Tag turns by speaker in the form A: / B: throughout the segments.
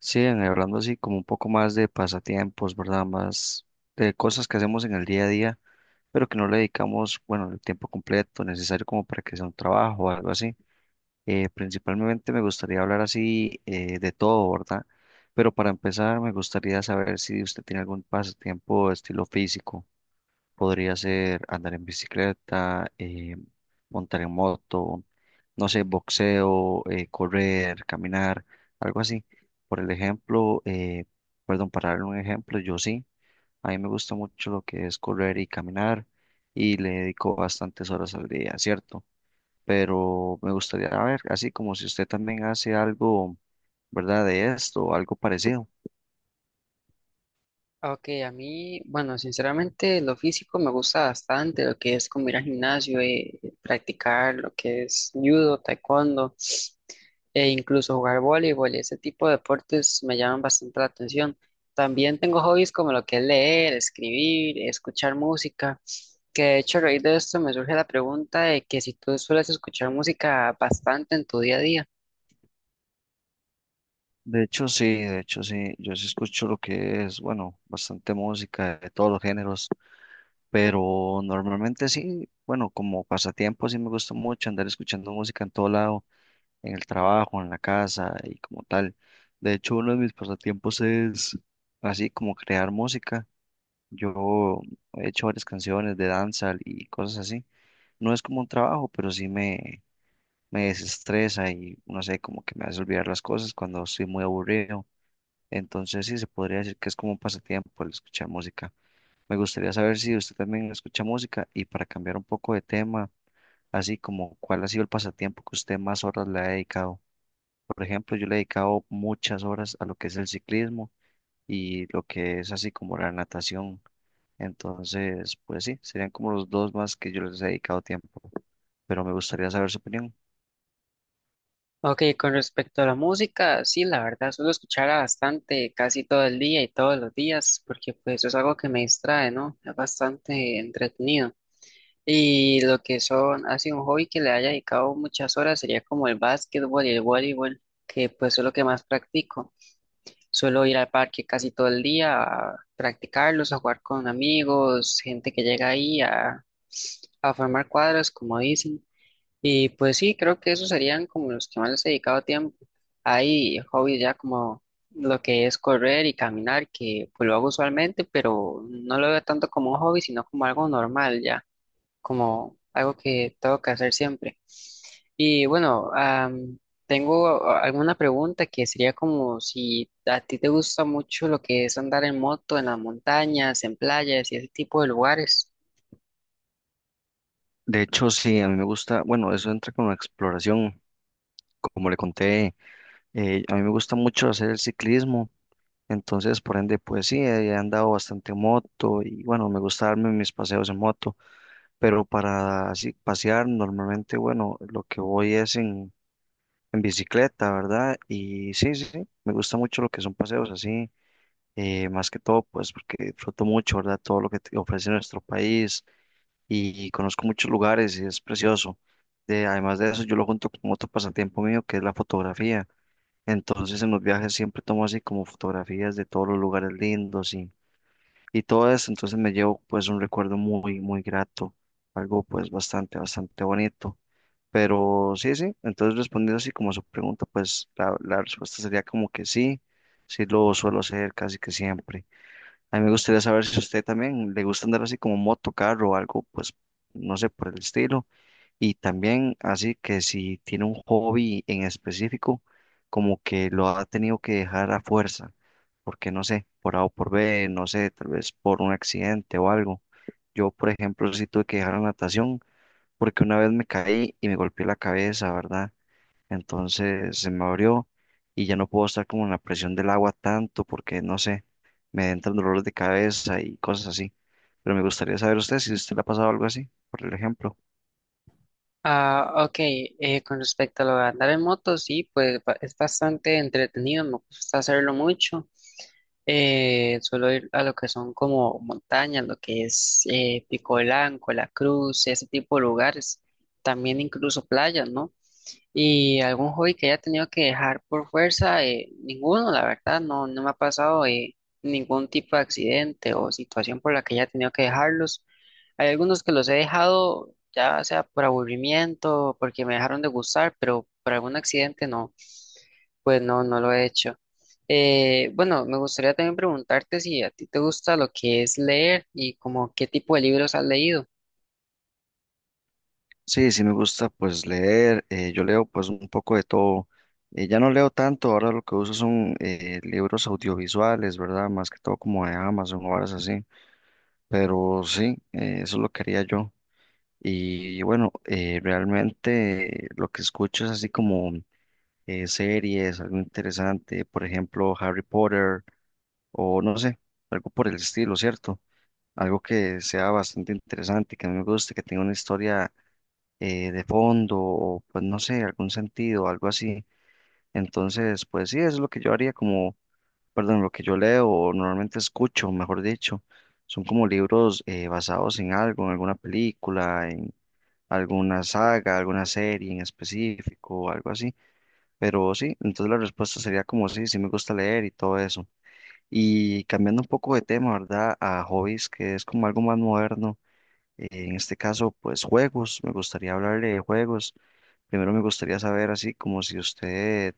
A: Sí, hablando así como un poco más de pasatiempos, ¿verdad? Más de cosas que hacemos en el día a día, pero que no le dedicamos, bueno, el tiempo completo necesario como para que sea un trabajo o algo así. Principalmente me gustaría hablar así de todo, ¿verdad? Pero para empezar me gustaría saber si usted tiene algún pasatiempo estilo físico. Podría ser andar en bicicleta, montar en moto, no sé, boxeo, correr, caminar, algo así. Por el ejemplo, perdón, para darle un ejemplo, yo sí, a mí me gusta mucho lo que es correr y caminar y le dedico bastantes horas al día, ¿cierto? Pero me gustaría a ver, así como si usted también hace algo, ¿verdad? De esto, algo parecido.
B: Ok, a mí, bueno, sinceramente lo físico me gusta bastante, lo que es como ir al gimnasio, practicar lo que es judo, taekwondo e incluso jugar voleibol, ese tipo de deportes me llaman bastante la atención. También tengo hobbies como lo que es leer, escribir, escuchar música, que de hecho a raíz de esto me surge la pregunta de que si tú sueles escuchar música bastante en tu día a día.
A: De hecho, sí, yo sí escucho lo que es, bueno, bastante música de todos los géneros, pero normalmente sí, bueno, como pasatiempo sí me gusta mucho andar escuchando música en todo lado, en el trabajo, en la casa y como tal. De hecho, uno de mis pasatiempos es así como crear música. Yo he hecho varias canciones de danza y cosas así. No es como un trabajo, pero sí me desestresa y no sé, como que me hace olvidar las cosas cuando estoy muy aburrido, entonces sí se podría decir que es como un pasatiempo el escuchar música. Me gustaría saber si usted también escucha música y para cambiar un poco de tema, así como cuál ha sido el pasatiempo que usted más horas le ha dedicado. Por ejemplo, yo le he dedicado muchas horas a lo que es el ciclismo y lo que es así como la natación. Entonces, pues sí, serían como los dos más que yo les he dedicado tiempo, pero me gustaría saber su opinión.
B: Ok, con respecto a la música, sí, la verdad, suelo escucharla bastante, casi todo el día y todos los días, porque pues es algo que me distrae, ¿no? Es bastante entretenido. Y lo que son, así un hobby que le haya dedicado muchas horas sería como el básquetbol y el voleibol, que pues es lo que más practico. Suelo ir al parque casi todo el día a practicarlos, a jugar con amigos, gente que llega ahí a formar cuadros, como dicen. Y pues sí, creo que esos serían como los que más les he dedicado tiempo. Hay hobbies ya como lo que es correr y caminar, que pues lo hago usualmente, pero no lo veo tanto como un hobby, sino como algo normal ya, como algo que tengo que hacer siempre. Y bueno, tengo alguna pregunta que sería como si a ti te gusta mucho lo que es andar en moto, en las montañas, en playas y ese tipo de lugares.
A: De hecho, sí, a mí me gusta, bueno, eso entra con la exploración, como le conté, a mí me gusta mucho hacer el ciclismo. Entonces, por ende, pues sí, he andado bastante en moto y bueno, me gusta darme mis paseos en moto, pero para así pasear normalmente, bueno, lo que voy es en bicicleta, ¿verdad? Y sí, sí, sí, me gusta mucho lo que son paseos así, más que todo, pues porque disfruto mucho, ¿verdad? Todo lo que te ofrece nuestro país y conozco muchos lugares y es precioso. Además de eso, yo lo junto con otro pasatiempo mío que es la fotografía. Entonces, en los viajes siempre tomo así como fotografías de todos los lugares lindos y todo eso, entonces me llevo pues un recuerdo muy, muy grato, algo pues bastante, bastante bonito. Pero sí, sí, entonces respondiendo así como a su pregunta, pues la respuesta sería como que sí, sí lo suelo hacer casi que siempre. A mí me gustaría saber si a usted también le gusta andar así como moto, carro o algo, pues no sé, por el estilo y también así que si tiene un hobby en específico, como que lo ha tenido que dejar a fuerza, porque no sé, por A o por B, no sé, tal vez por un accidente o algo. Yo, por ejemplo, sí tuve que dejar la natación porque una vez me caí y me golpeé la cabeza, ¿verdad? Entonces se me abrió y ya no puedo estar como en la presión del agua tanto porque, no sé, me entran dolores de cabeza y cosas así. Pero me gustaría saber usted si usted le ha pasado algo así, por el ejemplo.
B: Ah, ok, con respecto a lo de andar en moto, sí, pues es bastante entretenido, me gusta hacerlo mucho. Suelo ir a lo que son como montañas, lo que es Pico Blanco, La Cruz, ese tipo de lugares, también incluso playas, ¿no? ¿Y algún hobby que haya tenido que dejar por fuerza? Ninguno, la verdad, no, no me ha pasado ningún tipo de accidente o situación por la que haya tenido que dejarlos. Hay algunos que los he dejado, ya sea por aburrimiento, porque me dejaron de gustar, pero por algún accidente no, pues no, no lo he hecho. Bueno, me gustaría también preguntarte si a ti te gusta lo que es leer y como qué tipo de libros has leído.
A: Sí, sí me gusta pues leer, yo leo pues un poco de todo. Ya no leo tanto, ahora lo que uso son libros audiovisuales, ¿verdad? Más que todo como de Amazon o horas así, pero sí, eso lo quería yo. Y bueno, realmente lo que escucho es así como series, algo interesante, por ejemplo Harry Potter o no sé, algo por el estilo, ¿cierto? Algo que sea bastante interesante, que a mí me guste, que tenga una historia de fondo o pues no sé, algún sentido, algo así. Entonces, pues sí, eso es lo que yo haría como, perdón, lo que yo leo o normalmente escucho, mejor dicho. Son como libros basados en algo, en alguna película, en alguna saga, alguna serie en específico, algo así. Pero sí, entonces la respuesta sería como sí, sí me gusta leer y todo eso. Y cambiando un poco de tema, ¿verdad? A hobbies, que es como algo más moderno. En este caso, pues juegos, me gustaría hablarle de juegos. Primero me gustaría saber así como si usted,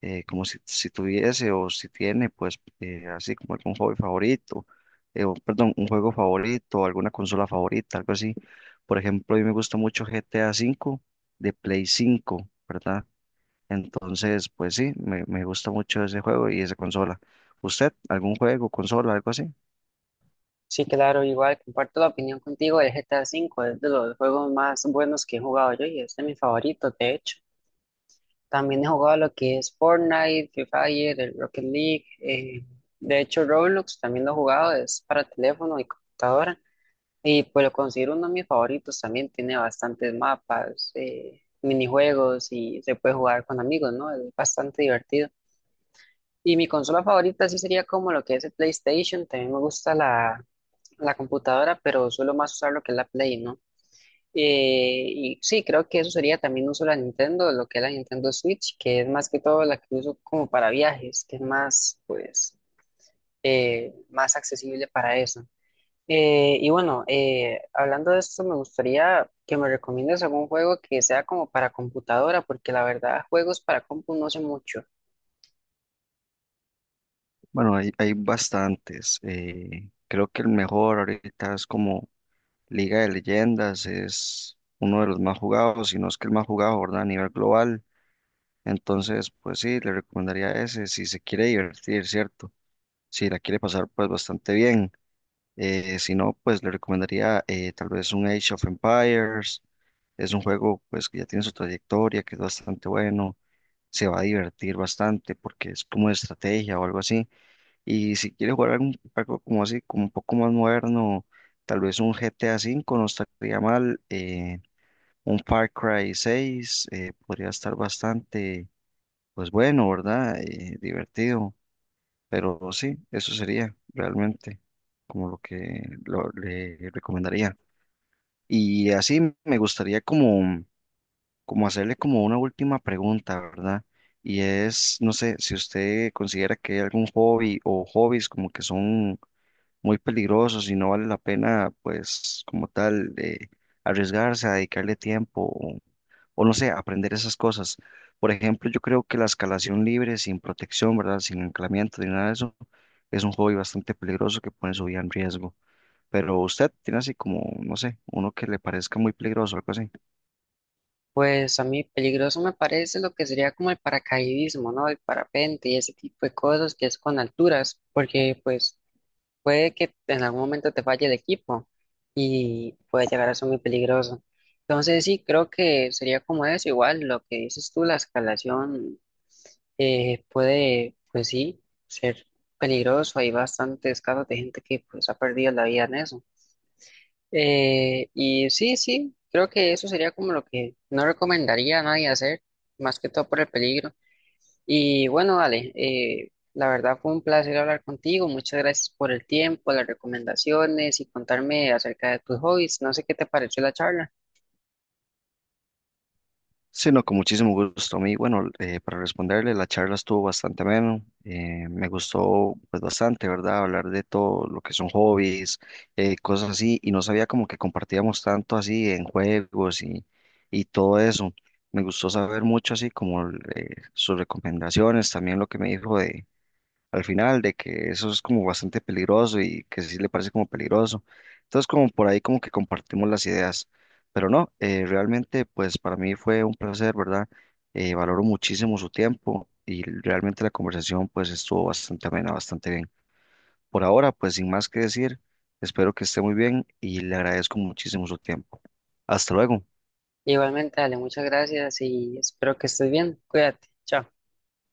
A: como si tuviese o si tiene, pues así como algún hobby favorito, o, perdón, un juego favorito, alguna consola favorita, algo así. Por ejemplo, a mí me gusta mucho GTA V de Play 5, ¿verdad? Entonces, pues sí, me gusta mucho ese juego y esa consola. ¿Usted, algún juego, consola, algo así?
B: Sí, claro, igual comparto la opinión contigo del GTA V, es de los juegos más buenos que he jugado yo y es de mis favoritos, de hecho. También he jugado lo que es Fortnite, Free Fire, el Rocket League, de hecho Roblox también lo he jugado, es para teléfono y computadora y pues lo considero uno de mis favoritos, también tiene bastantes mapas, minijuegos y se puede jugar con amigos, ¿no? Es bastante divertido. Y mi consola favorita sí sería como lo que es el PlayStation, también me gusta la computadora, pero suelo más usar lo que es la Play, ¿no? Y sí, creo que eso sería también uso de la Nintendo, lo que es la Nintendo Switch, que es más que todo la que uso como para viajes, que es más, pues, más accesible para eso. Y bueno, hablando de esto, me gustaría que me recomiendes algún juego que sea como para computadora, porque la verdad, juegos para compu no sé mucho.
A: Bueno, hay bastantes. Creo que el mejor ahorita es como Liga de Leyendas, es uno de los más jugados, si no es que el más jugado, ¿verdad? A nivel global. Entonces, pues sí, le recomendaría ese si se quiere divertir, ¿cierto? Si la quiere pasar, pues bastante bien. Si no, pues le recomendaría tal vez un Age of Empires. Es un juego, pues, que ya tiene su trayectoria, que es bastante bueno. Se va a divertir bastante porque es como de estrategia o algo así. Y si quiere jugar algo como así, como un poco más moderno, tal vez un GTA V no estaría mal, un Far Cry 6 podría estar bastante, pues bueno, ¿verdad? Divertido, pero sí, eso sería realmente como lo que lo- le recomendaría. Y así me gustaría como, como hacerle como una última pregunta, ¿verdad? Y es, no sé, si usted considera que hay algún hobby o hobbies como que son muy peligrosos y no vale la pena, pues, como tal, de arriesgarse a dedicarle tiempo o no sé, aprender esas cosas. Por ejemplo, yo creo que la escalación libre, sin protección, ¿verdad? Sin anclamiento ni nada de eso, es un hobby bastante peligroso que pone su vida en riesgo. Pero usted tiene así como, no sé, uno que le parezca muy peligroso, algo así.
B: Pues a mí peligroso me parece lo que sería como el paracaidismo, ¿no? El parapente y ese tipo de cosas que es con alturas, porque pues puede que en algún momento te falle el equipo y puede llegar a ser muy peligroso. Entonces sí, creo que sería como eso, igual lo que dices tú, la escalación puede, pues sí, ser peligroso. Hay bastantes casos de gente que pues ha perdido la vida en eso. Y sí, sí, creo que eso sería como lo que no recomendaría a nadie hacer, más que todo por el peligro. Y bueno, dale, la verdad fue un placer hablar contigo. Muchas gracias por el tiempo, las recomendaciones y contarme acerca de tus hobbies. No sé qué te pareció la charla.
A: Sí, no, con muchísimo gusto. A mí, bueno, para responderle, la charla estuvo bastante ameno. Me gustó pues bastante, ¿verdad? Hablar de todo lo que son hobbies, cosas así, y no sabía como que compartíamos tanto así en juegos y todo eso. Me gustó saber mucho así como sus recomendaciones, también lo que me dijo al final de que eso es como bastante peligroso y que sí le parece como peligroso. Entonces como por ahí como que compartimos las ideas, pero no, realmente pues para mí fue un placer, ¿verdad? Valoro muchísimo su tiempo y realmente la conversación pues estuvo bastante amena, bastante bien. Por ahora pues sin más que decir, espero que esté muy bien y le agradezco muchísimo su tiempo. Hasta luego.
B: Igualmente, dale, muchas gracias y espero que estés bien. Cuídate. Chao.